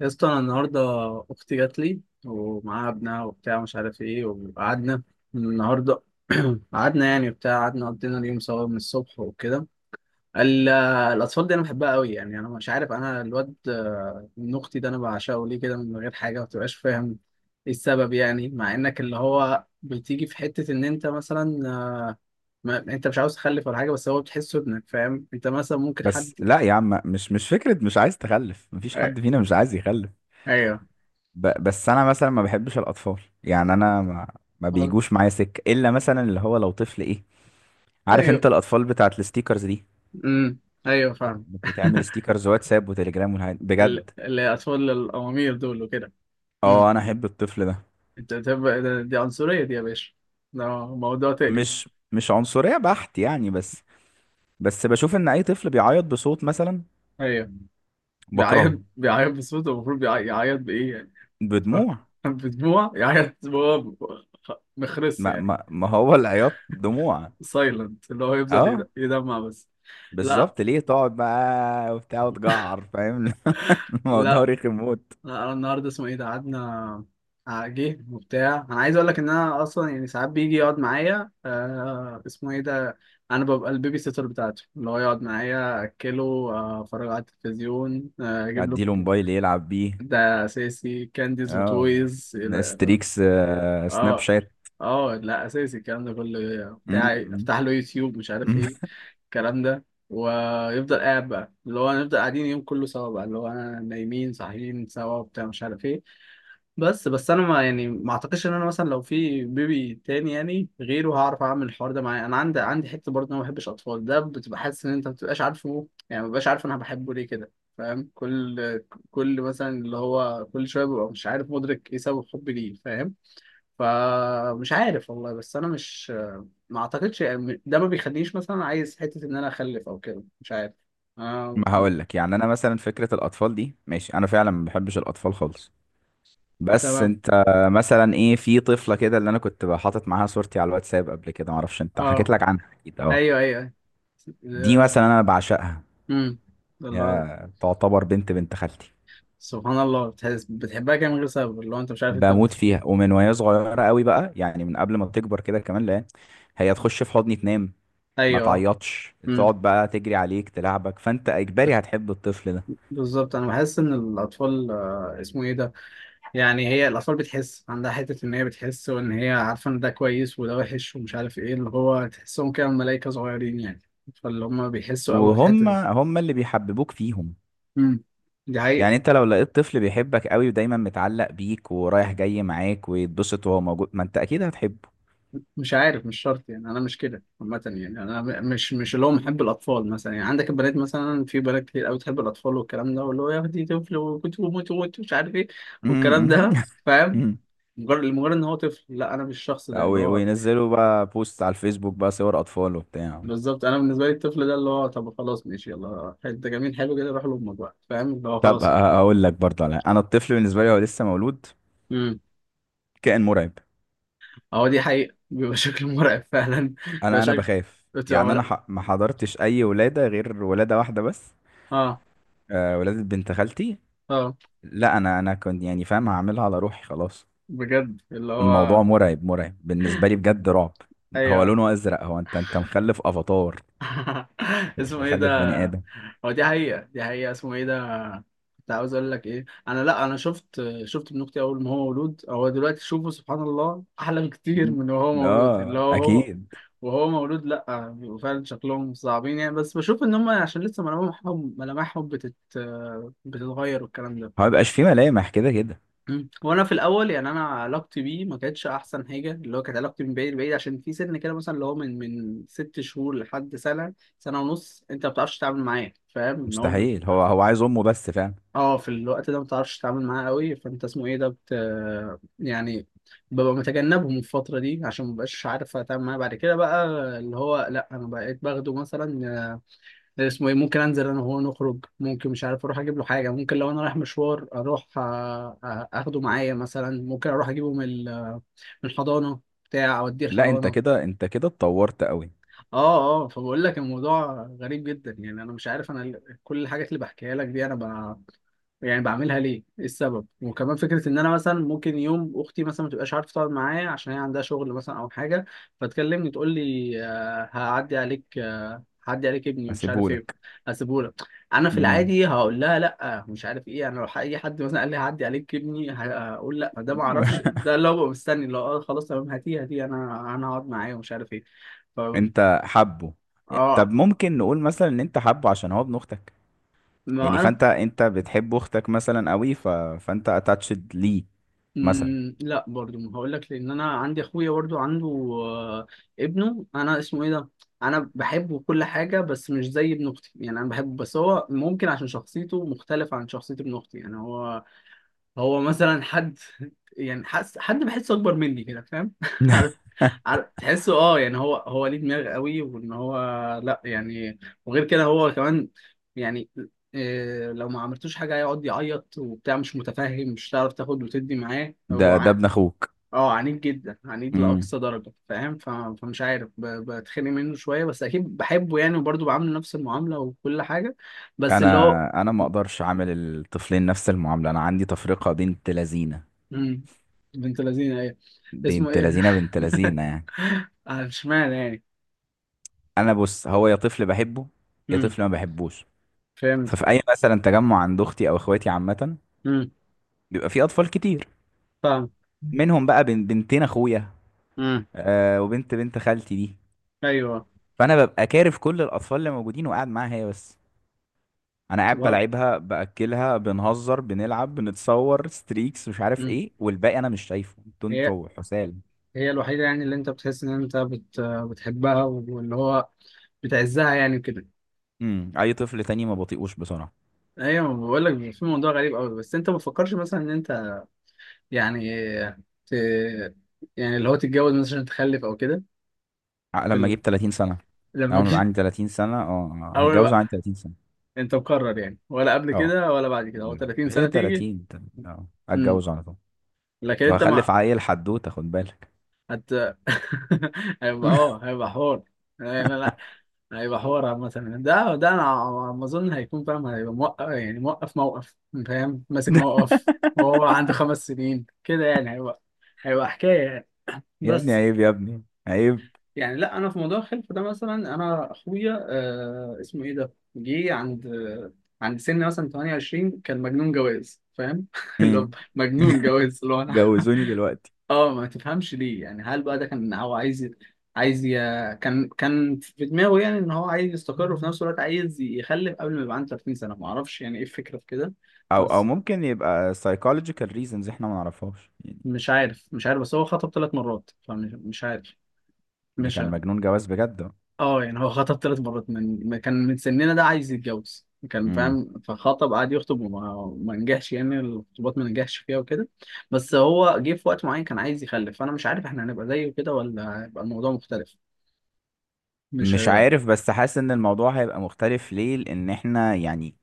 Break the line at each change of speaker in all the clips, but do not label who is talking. يا اسطى، انا النهارده اختي جات لي ومعاها ابنها وبتاع مش عارف ايه وقعدنا النهارده. قعدنا يعني وبتاع قعدنا قضينا اليوم سوا من الصبح وكده. ال- الاطفال دي انا بحبها قوي يعني انا مش عارف انا الواد من اختي ده انا بعشقه ليه كده من غير حاجه، ما بتبقاش فاهم ايه السبب يعني. مع انك اللي هو بتيجي في حته ان انت مثلا، آه، ما انت مش عاوز تخلف ولا حاجه، بس هو بتحسه ابنك، فاهم انت مثلا ممكن حد.
بس لا يا عم، مش فكرة مش عايز تخلف، مفيش
أي-
حد فينا مش عايز يخلف.
ايوه،
بس انا مثلا ما بحبش الاطفال. يعني انا ما بيجوش معايا سكة، الا مثلا اللي هو لو طفل، ايه، عارف انت
ايوه،
الاطفال بتاعت الستيكرز دي،
امم، ايوه فاهم.
بتعمل ستيكرز واتساب وتليجرام والحاجات بجد.
الاطفال الامامير دول وكده.
اه،
امم.
انا احب الطفل ده.
انت تبقى دي عنصريه دي يا باشا، ده موضوع تاني.
مش عنصرية بحت يعني، بس بشوف ان اي طفل بيعيط بصوت مثلا
ايوه. بيعيط
بكرهه.
بيعيط بصوته، المفروض يعيط بايه يعني؟ ف-
بدموع،
بدموع يعيط هو؟ مخرس
ما
يعني؟
ما, ما هو العياط دموع.
سايلنت اللي هو يفضل
اه،
يدمع بس. لا،
بالظبط، ليه تقعد بقى وبتاع وتجعر؟ فاهم. الموضوع
لا،
رخم موت.
لا. أنا النهارده اسمه ايه ده قعدنا، جه وبتاع. انا عايز اقول لك ان انا اصلا يعني ساعات بيجي يقعد معايا اسمه ايه ده، انا ببقى البيبي سيتر بتاعته، اللي هو يقعد معايا، اكله، اتفرج على التلفزيون، اجيب له.
اديله موبايل يلعب بيه.
ده اساسي كانديز
اه،
وتويز
ستريكس، سناب
اه،
شات.
اه. لا اساسي الكلام ده كله بتاعي،
م-
افتح له يوتيوب مش عارف
م.
ايه، الكلام ده، ويفضل قاعد بقى اللي هو نفضل قاعدين يوم كله سوا بقى اللي هو انا نايمين صاحيين سوا وبتاع مش عارف ايه. بس انا ما يعني ما اعتقدش ان انا مثلا لو في بيبي تاني يعني غيره هعرف اعمل الحوار ده معاه. انا عندي حته برضه إن انا ما بحبش اطفال، ده بتبقى حاسس ان انت ما بتبقاش عارفه يعني، ما ببقاش عارف انا بحبه ليه كده، فاهم؟ كل مثلا اللي هو كل شويه ببقى مش عارف مدرك ايه سبب حبي ليه، فاهم؟ فمش عارف والله. بس انا مش، ما اعتقدش يعني ده ما بيخلينيش مثلا عايز حته ان انا اخلف او كده، مش عارف. آه...
ما هقول لك، يعني انا مثلا فكره الاطفال دي ماشي، انا فعلا ما بحبش الاطفال خالص. بس
تمام.
انت مثلا ايه، في طفله كده اللي انا كنت حاطط معاها صورتي على الواتساب قبل كده، ما اعرفش انت حكيت
اه.
لك عنها، اكيد اه.
ايوه، ايوه،
دي مثلا انا بعشقها.
امم، الله.
هي تعتبر بنت بنت خالتي.
سبحان الله، بتحس بتحبها كده من غير سبب اللي هو انت مش عارف انت
بموت فيها، ومن وهي صغيرة قوي بقى، يعني من قبل ما تكبر كده كمان. لا، هي تخش في حضني تنام، ما
ايوه، اه،
تعيطش،
امم.
تقعد بقى تجري عليك تلعبك، فانت اجباري هتحب الطفل ده.
بالظبط انا بحس ان الاطفال اسمه ايه ده، يعني هي الاطفال بتحس، عندها حته ان هي بتحس وان هي عارفه ان ده كويس وده وحش ومش عارف ايه، اللي هو تحسهم كده ملائكه صغيرين يعني، فاللي هم بيحسوا قوي في الحته
وهم
دي.
هم اللي بيحببوك فيهم.
امم. دي حقيقه.
يعني انت لو لقيت طفل بيحبك قوي، ودايما متعلق بيك، ورايح جاي معاك، ويتبسط وهو موجود، ما انت اكيد هتحبه.
مش عارف، مش شرط يعني انا مش كده عامه. يعني انا مش اللي هو محب الاطفال مثلا، يعني عندك البنات مثلا، في بنات كتير قوي تحب الاطفال والكلام ده، واللي هو يا اختي طفل وكنت بموت وموت مش عارف ايه والكلام
مم.
ده، فاهم؟ لمجرد ان هو طفل، لا انا مش الشخص ده
أو
اللي هو.
وينزلوا بقى بوست على الفيسبوك بقى صور اطفال وبتاع.
بالظبط، انا بالنسبه لي الطفل ده اللي هو، طب خلاص ماشي يلا انت جميل حلو كده روح لامك بقى، فاهم؟ اللي هو
طب،
خلاص كده.
اقول لك برضه، على انا الطفل بالنسبة لي هو لسه مولود
امم.
كائن مرعب.
اهو دي حقيقه، بيبقى شكل مرعب فعلا، بيبقى
انا،
شكل،
بخاف
بتبقى
يعني. انا ما حضرتش اي ولاده غير ولاده واحده بس.
اه،
آه، ولاده بنت خالتي.
اه،
لا، انا كنت يعني فاهم، هعملها على روحي خلاص.
بجد اللي
الموضوع
هو.
مرعب، مرعب بالنسبه لي، بجد رعب. هو
ايوه.
لونه ازرق، هو انت، مخلف افاتار؟ مش
اسمه ايه ده،
مخلف بني ادم.
هو دي حقيقة، دي حقيقة، اسمه ايه ده. كنت عاوز اقول لك ايه، انا لا انا شفت ابن اختي اول ما هو مولود، هو دلوقتي شوفه سبحان الله احلى بكتير من وهو مولود. اللي
اه
هو
اكيد.
وهو مولود، لا بيبقوا فعلا شكلهم صعبين يعني، بس بشوف ان هم عشان لسه ملامحهم بتتغير والكلام ده.
هو مبيبقاش فيه ملامح كده كده.
وانا في الاول يعني انا علاقتي بيه ما كانتش احسن حاجه، اللي هو كانت علاقتي من بعيد بعيد عشان في سن كده مثلا اللي هو من 6 شهور لحد سنه، سنه ونص، انت ما بتعرفش تتعامل معاه، فاهم ان هو
مستحيل. هو عايز امه بس فعلا.
اه في الوقت ده ما بتعرفش تتعامل معاه قوي، فانت اسمه ايه ده يعني ببقى متجنبهم الفتره دي عشان ما بقاش عارف اتعامل معاه. بعد كده بقى اللي هو، لا انا بقيت باخده مثلا، اسمه ايه، ممكن انزل انا وهو نخرج، ممكن مش عارف اروح اجيب له حاجه، ممكن لو انا رايح مشوار اروح اخده معايا مثلا، ممكن اروح اجيبه من الحضانه، بتاع اوديه
لا، انت
الحضانه.
كده، انت كده اتطورت قوي.
اه، اه. فبقول لك الموضوع غريب جدا، يعني انا مش عارف انا كل الحاجات اللي بحكيها لك دي انا يعني بعملها ليه؟ ايه السبب؟ وكمان فكره ان انا مثلا ممكن يوم اختي مثلا ما تبقاش عارفه تقعد معايا عشان هي عندها شغل مثلا او حاجه، فتكلمني تقول لي، هعدي عليك، هعدي عليك ابني مش عارف ايه،
اسيبهولك.
هسيبهولك. انا في
امم.
العادي هقول لها لا مش عارف ايه، انا لو اي حد مثلا قال لي هعدي عليك ابني هقول لا ده ما اعرفش، ده لو ببقى مستني لو خلاص تمام هاتيه هاتيه انا هقعد معاه ومش عارف ايه. ف
انت حبه. طب
اه
ممكن نقول مثلا ان انت حبه عشان هو ابن اختك؟ يعني
ما انا.
فانت، بتحب اختك مثلا قوي، فانت اتاتشد ليه مثلا؟
لا، برضو ما هقول لك، لان انا عندي اخويا برضو عنده آه، ابنه انا اسمه ايه ده، انا بحبه كل حاجه بس مش زي ابن اختي. يعني انا بحبه بس هو ممكن عشان شخصيته مختلفه عن شخصيه ابن اختي. يعني هو مثلا حد، يعني حد بحسه اكبر مني كده، فاهم؟ عارف عارف تحسه، اه يعني هو ليه دماغ قوي وان هو، لا يعني، وغير كده هو كمان يعني إيه لو ما عملتوش حاجه هيقعد يعيط وبتاع مش متفاهم، مش هتعرف تاخد وتدي معاه، هو
ده ابن اخوك.
اه، عنيد جدا، عنيد
امم.
لاقصى درجه، فاهم؟ فمش عارف، بتخانق منه شويه بس اكيد بحبه يعني، وبرضه بعامله نفس المعامله وكل حاجه. بس اللي هو.
انا، ما اقدرش اعمل الطفلين نفس المعامله. انا عندي تفرقه. بنت لذينه.
مم، بنت لذينه ايه؟ اسمه
بنت
ايه؟
لذينه، بنت لذينه يعني.
اشمعنى يعني؟
انا بص، هو يا طفل بحبه يا
امم.
طفل ما بحبوش.
فهمت.
ففي اي مثلا تجمع عند اختي او اخواتي عامه،
امم.
بيبقى في اطفال كتير،
فاهم.
منهم بقى بنتين اخويا،
امم.
آه، وبنت بنت خالتي دي.
ايوه.
فانا ببقى كارف كل الاطفال اللي موجودين، وقاعد معاها هي بس. انا قاعد
سبحان.
بلعبها، باكلها، بنهزر، بنلعب، بنتصور ستريكس، مش عارف
امم.
ايه، والباقي انا مش شايفه. انتوا
هي،
حسال
هي الوحيده يعني اللي انت بتحس ان انت بتحبها، واللي هو بتعزها يعني كده.
امم. اي طفل تاني ما بطيقوش بسرعه.
ايوه. بقول لك في موضوع غريب قوي، بس انت ما تفكرش مثلا ان انت يعني ت... يعني اللي هو تتجوز مثلا عشان تخلف او كده؟ في
لما اجيب 30 سنه.
لما
لو انا
جيت.
عندي 30 سنه اه.
اول
هتجوز
بقى
عندي 30 سنه.
انت مقرر يعني، ولا قبل
اه
كده ولا بعد كده هو
لا،
30
هي
سنه تيجي؟
30 اه
امم.
هتجوز على طول.
لكن انت
وهخلف
ما.
عيل، حدوته، خد بالك.
هت هيبقى حوار، هيبقى، لا، لا، هيبقى حوار مثلا ده انا على ما اظن هيكون فاهم، هيبقى موقف يعني موقف موقف، فاهم ماسك موقف. وهو عنده 5 سنين كده يعني هيبقى حكايه يعني.
يا ابني
بس.
عيب، يا ابني عيب.
يعني لا، انا في موضوع الخلف ده مثلا انا اخويا اسمه ايه ده جه عند سن مثلا 28، كان مجنون جواز، فاهم؟ اللي هو
امم.
مجنون جواز اللي هو انا.
جوزوني دلوقتي.
اه ما تفهمش ليه يعني، هل بقى ده كان هو عايز ي... كان في دماغه يعني ان هو عايز يستقر وفي نفس الوقت عايز يخلف قبل ما يبقى عنده 30 سنة، ما اعرفش يعني ايه الفكرة في كده.
او
بس
ممكن يبقى psychological reasons احنا ما نعرفهاش يعني.
مش عارف بس هو خطب 3 مرات، فمش مش عارف
ده
مش
كان
عارف.
مجنون جواز بجد.
اه يعني هو خطب 3 مرات من ما كان من سننا ده عايز يتجوز كان
امم.
فاهم؟ فخطب قعد يخطب وما ما نجحش يعني، الخطوبات ما نجحش فيها وكده. بس هو جه في وقت معين كان عايز يخلف، فانا مش عارف احنا هنبقى زيه كده ولا هيبقى الموضوع مختلف. مش
مش عارف، بس حاسس ان الموضوع هيبقى مختلف. ليه؟ لان احنا، يعني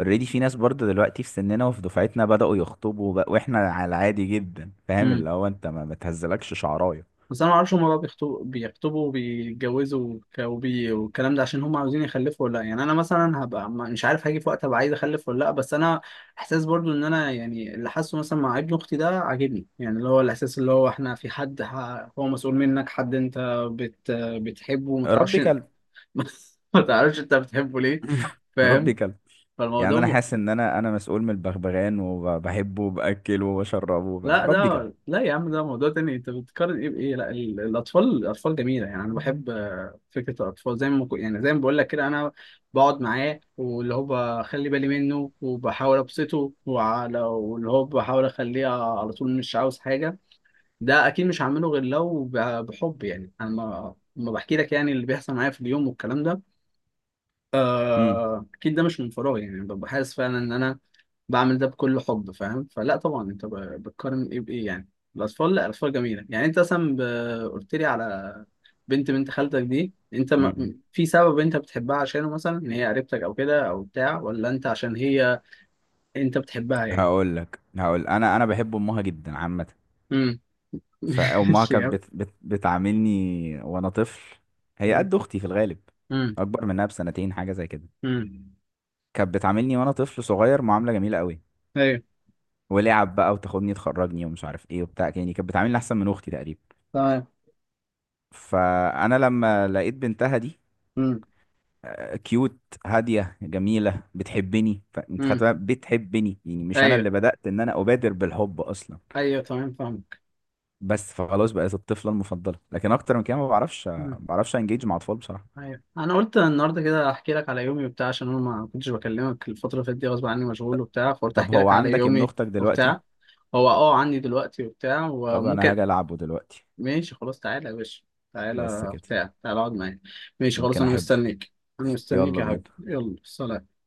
اوريدي في ناس برضه دلوقتي في سننا وفي دفعتنا بدأوا يخطبوا بقى، واحنا على العادي جدا. فاهم،
امم
اللي هو انت ما بتهزلكش شعرايه.
بس انا ما اعرفش هما بقى بيخطبوا وبيتجوزوا والكلام ده عشان هما عاوزين يخلفوا ولا لا يعني. انا مثلا هبقى مش عارف، هاجي في وقت ابقى عايز اخلف ولا لا، بس انا احساس برضو ان انا يعني اللي حاسه مثلا مع ابن اختي ده عاجبني، يعني اللي هو الاحساس اللي هو احنا في حد هو مسؤول منك، حد انت بتحبه وما تعرفش.
ربي كلب.
ما تعرفش انت بتحبه ليه، فاهم؟
ربي كلب. يعني انا
فالموضوع.
حاسس ان انا مسؤول من البغبغان، وبحبه، وباكله، وبشربه،
لا،
ربي كلب.
ده لا يا عم ده موضوع تاني، انت بتقارن ايه بايه، لا الاطفال جميله، يعني انا بحب فكره الاطفال، زي ما يعني زي ما بقول لك كده، انا بقعد معاه واللي هو بخلي بالي منه وبحاول ابسطه واللي هو بحاول اخليه على طول مش عاوز حاجه. ده اكيد مش هعمله غير لو بحب يعني، انا ما بحكي لك يعني اللي بيحصل معايا في اليوم والكلام ده
امم.
اكيد ده مش من فراغ يعني، ببقى حاسس فعلا ان انا بعمل ده بكل حب، فاهم؟ فلا طبعا، انت بتقارن ايه بايه يعني، الاطفال، لا الاطفال جميله. يعني انت مثلا قلت لي على بنت بنت خالتك دي، انت
امم.
ما... في سبب انت بتحبها عشانه مثلا، ان هي قريبتك او كده او بتاع، ولا انت عشان هي، انت بتحبها يعني؟
هقول لك. هقول، انا بحب امها جدا عامه.
امم.
فأمها كانت
شياب.
بتعاملني وأنا طفل. هي قد أختي في الغالب،
امم.
أكبر منها بسنتين حاجة زي كده.
امم.
كانت بتعاملني وأنا طفل صغير معاملة جميلة قوي،
ايوه
ولعب بقى، وتاخدني تخرجني، ومش عارف إيه وبتاع. يعني كانت بتعاملني أحسن من أختي تقريبا.
تمام.
فأنا لما لقيت بنتها دي،
امم.
كيوت، هادية، جميلة، بتحبني، فأنت خدت
امم.
بالك؟ بتحبني يعني، مش أنا
ايوه،
اللي بدأت إن أنا أبادر بالحب أصلا.
ايوه تمام فاهمك.
بس، فخلاص بقيت الطفلة المفضلة. لكن أكتر من كده ما بعرفش، ما بعرفش أنجيج مع أطفال بصراحة.
ايوه انا قلت النهارده كده احكي لك على يومي وبتاع، عشان انا ما كنتش بكلمك الفتره اللي فاتت دي غصب عني، مشغول وبتاع، فقلت
طب
احكي
هو
لك على
عندك ابن
يومي.
اختك دلوقتي؟
وبتاع، هو عندي دلوقتي وبتاع
طب انا
وممكن.
هاجي العبه دلوقتي.
ماشي خلاص تعالى يا باشا،
بس
تعالى
كده،
بتاع، تعالى اقعد معايا. ماشي خلاص
يمكن
انا
احبه.
مستنيك. انا مستنيك
يلا
يا حبيبي،
بينا.
يلا سلام.